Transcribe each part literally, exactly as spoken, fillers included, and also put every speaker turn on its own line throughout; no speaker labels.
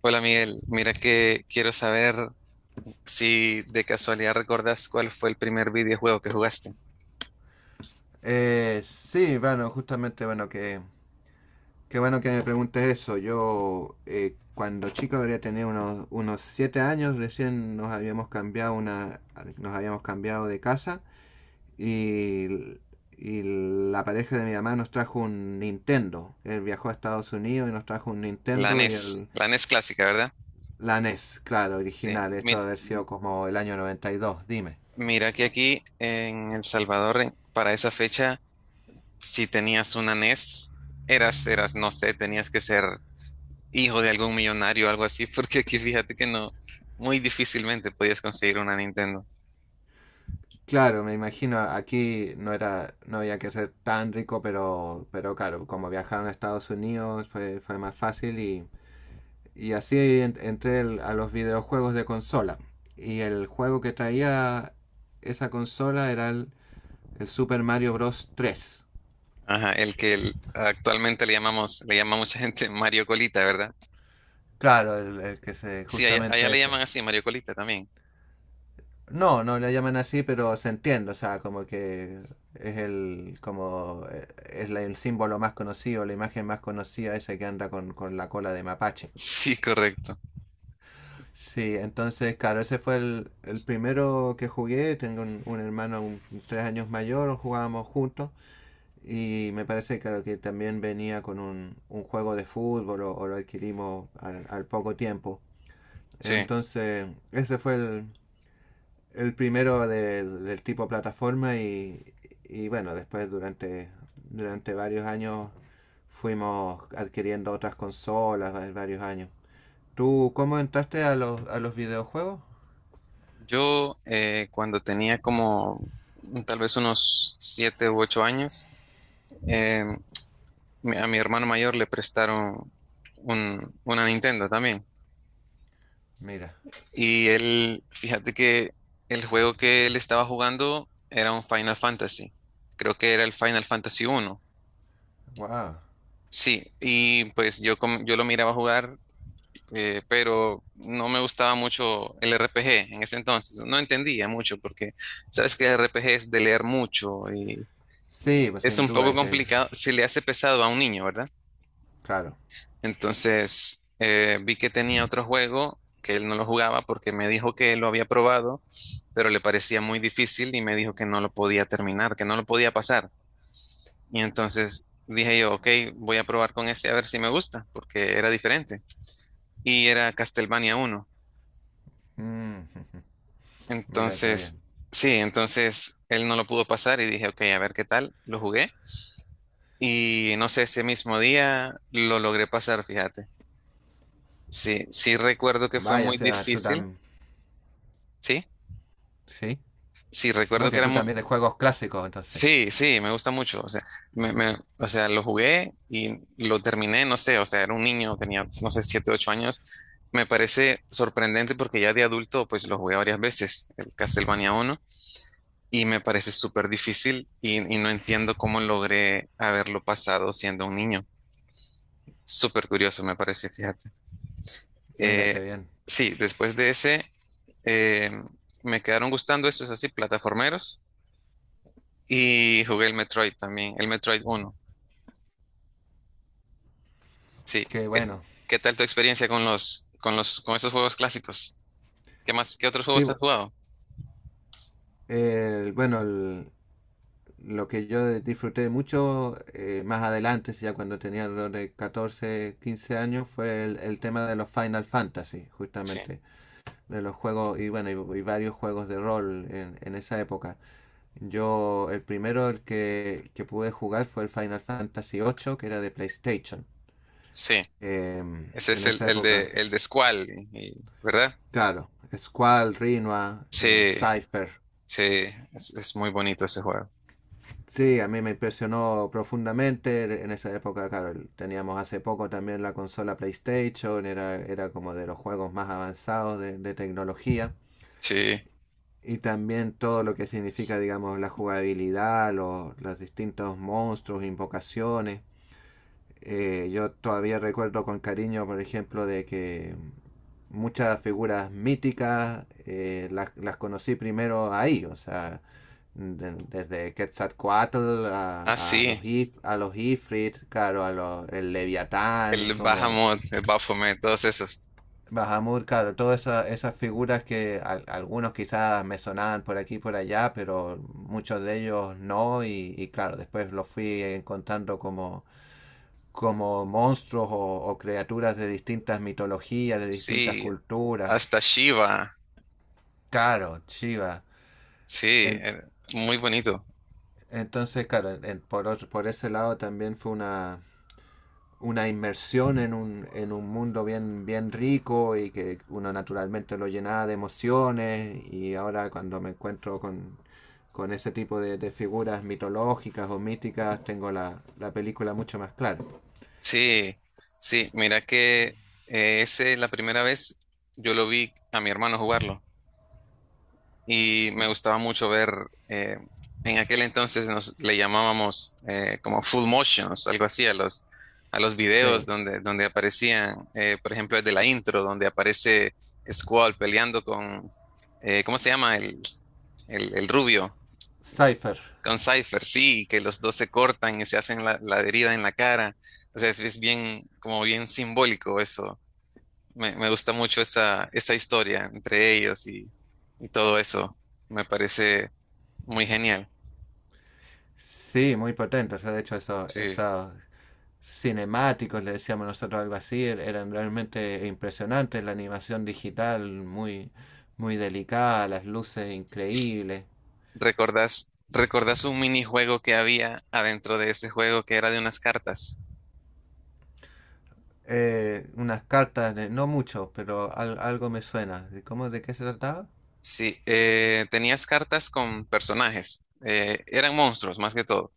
Hola Miguel, mira que quiero saber si de casualidad recordas cuál fue el primer videojuego que jugaste.
Eh, sí, bueno, justamente, bueno, que, qué bueno que me preguntes eso. Yo, eh, cuando chico habría tenido unos, unos siete años, recién nos habíamos cambiado una, nos habíamos cambiado de casa y, y la pareja de mi mamá nos trajo un Nintendo. Él viajó a Estados Unidos y nos trajo un
La
Nintendo y
N E S,
el,
la N E S clásica, ¿verdad?
la NES, claro,
Sí,
original. Esto
mira,
debe haber sido como el año noventa y dos. Dime.
mira que aquí en El Salvador, en- para esa fecha, si tenías una N E S, eras, eras, no sé, tenías que ser hijo de algún millonario o algo así, porque aquí fíjate que no, muy difícilmente podías conseguir una Nintendo.
Claro, me imagino, aquí no era, no había que ser tan rico, pero, pero claro, como viajaron a Estados Unidos fue, fue más fácil y, y así en- entré el- a los videojuegos de consola. Y el juego que traía esa consola era el, el Super Mario Bros. tres.
Ajá, el que el- actualmente le llamamos, le llama mucha gente Mario Colita, ¿verdad?
Claro, el, el que se,
Sí, allá, allá
justamente
le llaman
ese.
así, Mario Colita también.
No, no la llaman así, pero se entiende, o sea, como que es el, como eh, es la- el símbolo más conocido, la imagen más conocida, esa que anda con, con la cola de mapache.
Sí, correcto.
Sí, entonces, claro, ese fue el, el primero que jugué, tengo un, un hermano un- tres años mayor, jugábamos juntos, y me parece, claro, que también venía con un, un juego de fútbol o, o lo adquirimos al, al poco tiempo.
Sí,
Entonces, ese fue el, El primero de- del tipo plataforma y, y bueno, después durante, durante varios años fuimos adquiriendo otras consolas, varios años. ¿Tú cómo entraste a los, a los videojuegos?
yo eh, cuando tenía como tal vez unos siete u ocho años, eh, mi- a mi hermano mayor le prestaron un- una Nintendo también.
Mira,
Y él, fíjate que el juego que él estaba jugando era un Final Fantasy. Creo que era el Final Fantasy uno.
wow.
Sí, y pues yo, com- yo lo miraba jugar eh, pero no me gustaba mucho el R P G en ese entonces. No entendía mucho porque sabes que el R P G es de leer mucho y
Sí, pues
es
sin
un
duda
poco
hay que.
complicado, se le hace pesado a un niño, ¿verdad?
Claro.
Entonces eh, vi que tenía otro juego que él no lo jugaba porque me dijo que lo había probado, pero le parecía muy difícil y me dijo que no lo podía terminar, que no lo podía pasar. Y entonces dije yo, ok, voy a probar con este a ver si me gusta, porque era diferente. Y era Castlevania uno.
Mm. Mira qué
Entonces,
bien.
sí, entonces él no lo pudo pasar y dije, ok, a ver qué tal, lo jugué. Y no sé, ese mismo día lo logré pasar, fíjate. Sí, sí recuerdo que fue
Vaya, o
muy
sea, tú
difícil,
también.
sí,
Sí.
sí
No,
recuerdo que
que
era
tú
muy...
también de juegos clásicos, entonces.
Sí, sí, me gusta mucho, o sea, me- me- o sea, lo jugué y lo terminé, no sé, o sea, era un niño, tenía, no sé, siete, ocho años. Me parece sorprendente porque ya de adulto, pues lo jugué varias veces, el Castlevania uno y me parece súper difícil y, y no entiendo cómo logré haberlo pasado siendo un niño. Súper curioso me pareció, fíjate.
Mira
Eh,
qué bien.
sí, después de ese, eh, me quedaron gustando esos así, plataformeros, y jugué el Metroid también, el Metroid uno. Sí,
Qué
¿qué,
bueno.
qué tal tu experiencia con los, con los, con esos juegos clásicos? ¿Qué más, qué otros
Sí,
juegos has
bu-
jugado?
el, bueno, el, lo que yo disfruté mucho eh, más adelante, ya cuando tenía alrededor de catorce quince años, fue el, el tema de los Final Fantasy,
Sí,
justamente, de los juegos y bueno, y, y varios juegos de rol en, en esa época. Yo, el primero el que, que pude jugar fue el Final Fantasy ocho, que era de PlayStation,
sí,
em,
ese
en
es el,
esa
el de,
época.
el de Squall, y- y- ¿verdad?
Claro, Squall, Rinoa, eh,
Sí,
Cypher.
sí, es es muy bonito ese juego.
Sí, a mí me impresionó profundamente en esa época, claro, el- teníamos hace poco también la consola PlayStation, era, era como de los juegos más avanzados de, de tecnología,
Sí.
y también todo lo que significa, digamos, la jugabilidad, los, los distintos monstruos, invocaciones. Eh, yo todavía recuerdo con cariño, por ejemplo, de que muchas figuras míticas eh, las, las conocí primero ahí, o sea, de- desde Quetzalcoatl
Ah,
a, a los
sí,
If- a los Ifrit, claro, a los, el Leviatán,
el
como
Bahamut, el Baphomet, todos esos.
Bahamut, claro, todas esa- esas figuras que al- algunos quizás me sonaban por aquí y por allá, pero muchos de ellos no, y, y claro, después los fui encontrando como como monstruos o, o criaturas de distintas mitologías, de distintas
Sí,
culturas.
hasta Shiva.
Claro, Shiva.
Sí,
En-
eh, muy bonito.
entonces, claro, en- por, otro- por ese lado también fue una, una inmersión en un, en un mundo bien, bien rico y que uno naturalmente lo llenaba de emociones y ahora cuando me encuentro con, con ese tipo de, de figuras mitológicas o míticas tengo la, la película mucho más clara.
Sí, sí, mira que eh, ese la primera vez yo lo vi a mi hermano jugarlo. Y me gustaba mucho ver, eh, en aquel entonces nos le llamábamos eh, como full motions, algo así, a los, a los videos
Sí,
donde, donde aparecían, eh, por ejemplo, desde la intro, donde aparece Squall peleando con, eh, ¿cómo se llama? El, el, el rubio,
Cypher.
con Cypher, sí, que los dos se cortan y se hacen la, la herida en la cara. O sea, es, es bien, como bien simbólico eso. Me, me gusta mucho esa, esa historia entre ellos y, y todo eso. Me parece muy genial.
Sí, muy potente. O sea, de hecho, esos,
Sí.
esos cinemáticos, le decíamos nosotros algo así, er- eran realmente impresionantes. La animación digital muy, muy delicada, las luces increíbles.
¿Recordás, recordás un minijuego que había adentro de ese juego que era de unas cartas?
Eh, unas cartas de, no mucho, pero al- algo me suena. ¿De cómo, de qué se trataba?
Sí, eh, tenías cartas con personajes. Eh, eran monstruos más que todo.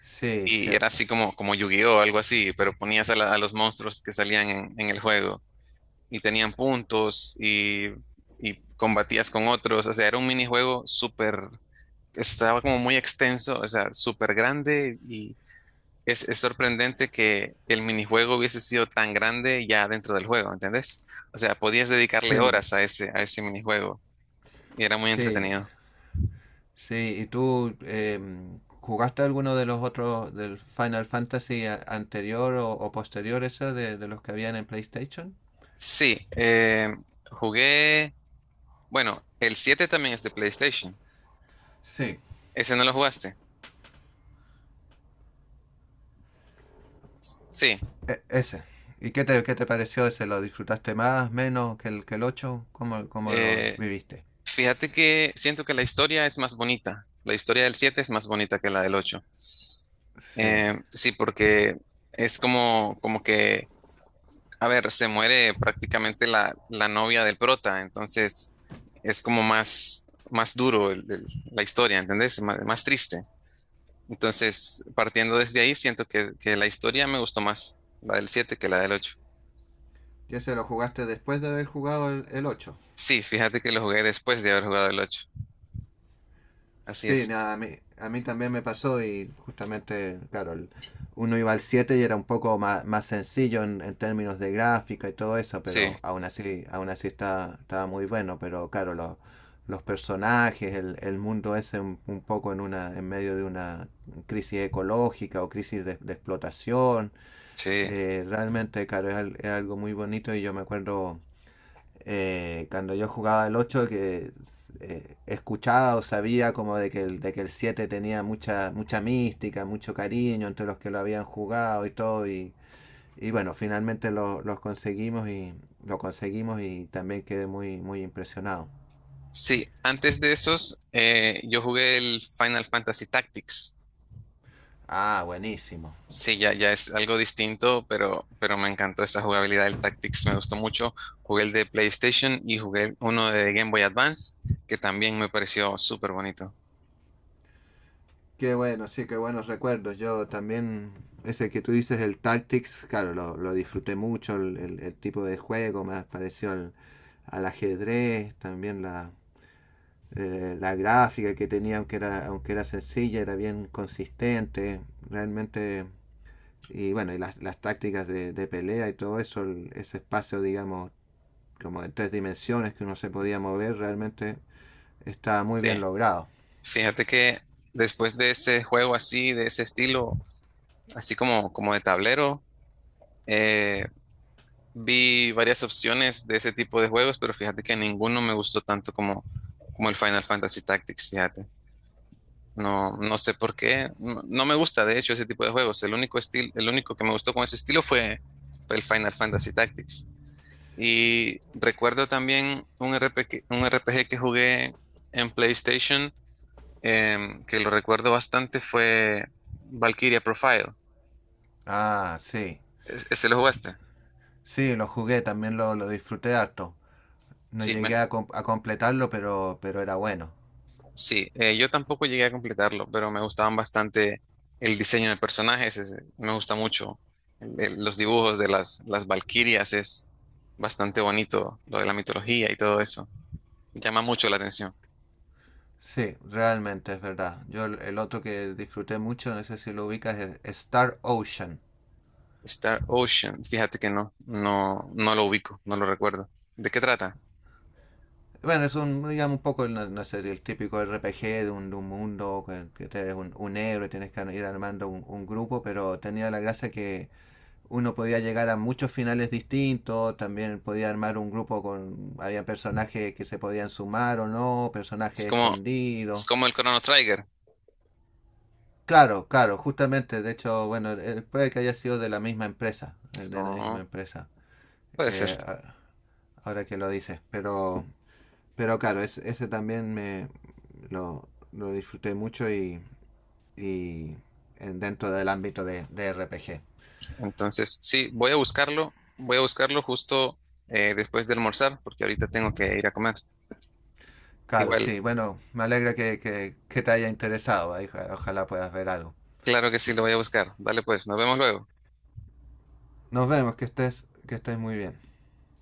Sí,
Y era
cierto.
así como, como Yu-Gi-Oh, algo así, pero ponías a, la- a los monstruos que salían en, en el juego. Y tenían puntos y, y combatías con otros. O sea, era un minijuego súper, estaba como muy extenso, o sea, súper grande. Es, es sorprendente que el minijuego hubiese sido tan grande ya dentro del juego, ¿entendés? O sea, podías dedicarle
Sí.
horas a ese, a ese minijuego y era muy
Sí,
entretenido.
sí. ¿Y tú em, jugaste alguno de los otros del Final Fantasy a- anterior o, o posterior ese de, de los que habían en PlayStation?
Sí, eh, jugué, bueno, el siete también es de PlayStation.
Sí,
¿Ese no lo jugaste? Sí.
e- ese. ¿Y qué te, qué te pareció ese? ¿Lo disfrutaste más, menos que el, que el ocho? ¿Cómo, cómo lo
Eh,
viviste?
fíjate que siento que la historia es más bonita. La historia del siete es más bonita que la del ocho.
Sí.
Eh, sí, porque es como, como que a ver, se muere prácticamente la, la novia del prota, entonces es como más, más duro el- el- la historia, ¿entendés? Más, más triste. Entonces, partiendo desde ahí, siento que, que la historia me gustó más, la del siete que la del ocho.
¿Y ese lo jugaste después de haber jugado el, el ocho?
Sí, fíjate que lo jugué después de haber jugado el ocho. Así
Sí,
es.
nada, a mí, a mí, también me pasó y justamente, claro, el- uno iba al siete y era un poco más, más sencillo en, en términos de gráfica y todo eso,
Sí,
pero aún así, aún así está, estaba muy bueno, pero claro, lo- los personajes, el, el mundo ese un, un poco en una, en medio de una crisis ecológica o crisis de, de explotación,
sí.
eh, realmente, claro, es, al- es algo muy bonito y yo me acuerdo eh, cuando yo jugaba el ocho que eh, escuchaba o sabía como de que el, de que el siete tenía mucha, mucha mística, mucho cariño entre los que lo habían jugado y todo. Y, y bueno, finalmente los lo los conseguimos y lo conseguimos y también quedé muy, muy impresionado.
Sí, antes de esos, eh, yo jugué el Final Fantasy Tactics.
Ah, buenísimo.
Sí, ya, ya es algo distinto, pero, pero me encantó esta jugabilidad del Tactics, me gustó mucho. Jugué el de PlayStation y jugué uno de Game Boy Advance, que también me pareció súper bonito.
Qué bueno, sí, qué buenos recuerdos. Yo también, ese que tú dices, el Tactics, claro, lo, lo disfruté mucho, el, el, el tipo de juego, me pareció al, al ajedrez, también la, eh, la gráfica que tenía, aunque era, aunque era sencilla, era bien consistente, realmente, y bueno, y las, las tácticas de, de, pelea y todo eso, el, ese espacio, digamos, como en tres dimensiones que uno se podía mover, realmente estaba muy
Sí,
bien logrado.
fíjate que después de ese juego así, de ese estilo, así como, como de tablero, eh, vi varias opciones de ese tipo de juegos, pero fíjate que ninguno me gustó tanto como, como el Final Fantasy Tactics, fíjate. No, no sé por qué. No, no me gusta, de hecho, ese tipo de juegos. El único estilo, el único que me gustó con ese estilo fue, fue el Final Fantasy Tactics. Y recuerdo también un R P G, un R P G que jugué en PlayStation, em, que lo recuerdo bastante, fue Valkyria Profile.
Ah, sí,
¿Es- ¿Ese lo jugaste?
sí, lo jugué, también lo, lo disfruté harto. No
Sí, me,
llegué a, com a completarlo, pero, pero era bueno.
sí, eh, yo tampoco llegué a completarlo, pero me gustaban bastante el diseño de personajes, es- me gusta mucho el- el- los dibujos de las, las valquirias, es bastante bonito lo de la mitología y todo eso, llama mucho la atención.
Sí, realmente es verdad. Yo el, el otro que disfruté mucho, no sé si lo ubicas, es Star Ocean.
Star Ocean, fíjate que no, no, no lo ubico, no lo recuerdo. ¿De qué trata?
Bueno, es un, digamos, un poco, no, no sé, si el típico R P G de un, de un mundo, que- que eres un, un héroe, tienes que ir armando un, un grupo, pero tenía la gracia que uno podía llegar a muchos finales distintos, también podía armar un grupo con, había personajes que se podían sumar o no,
Es
personajes
como, es
escondidos.
como el Chrono Trigger.
Claro, claro, justamente, de hecho, bueno, eh, puede que haya sido de la misma empresa, eh, de la misma
No,
empresa,
puede ser.
eh, a- ahora que lo dices, pero. Pero claro, es- ese también me lo, lo disfruté mucho y, y en- dentro del ámbito de, de R P G.
Entonces, sí, voy a buscarlo, voy a buscarlo justo eh, después de almorzar, porque ahorita tengo que ir a comer.
Claro,
Igual.
sí, bueno, me alegra que, que- que te haya interesado, ahí, ojalá puedas ver algo.
Claro que sí, lo voy a buscar. Dale pues, nos vemos luego.
Nos vemos, que estés, que estés muy bien.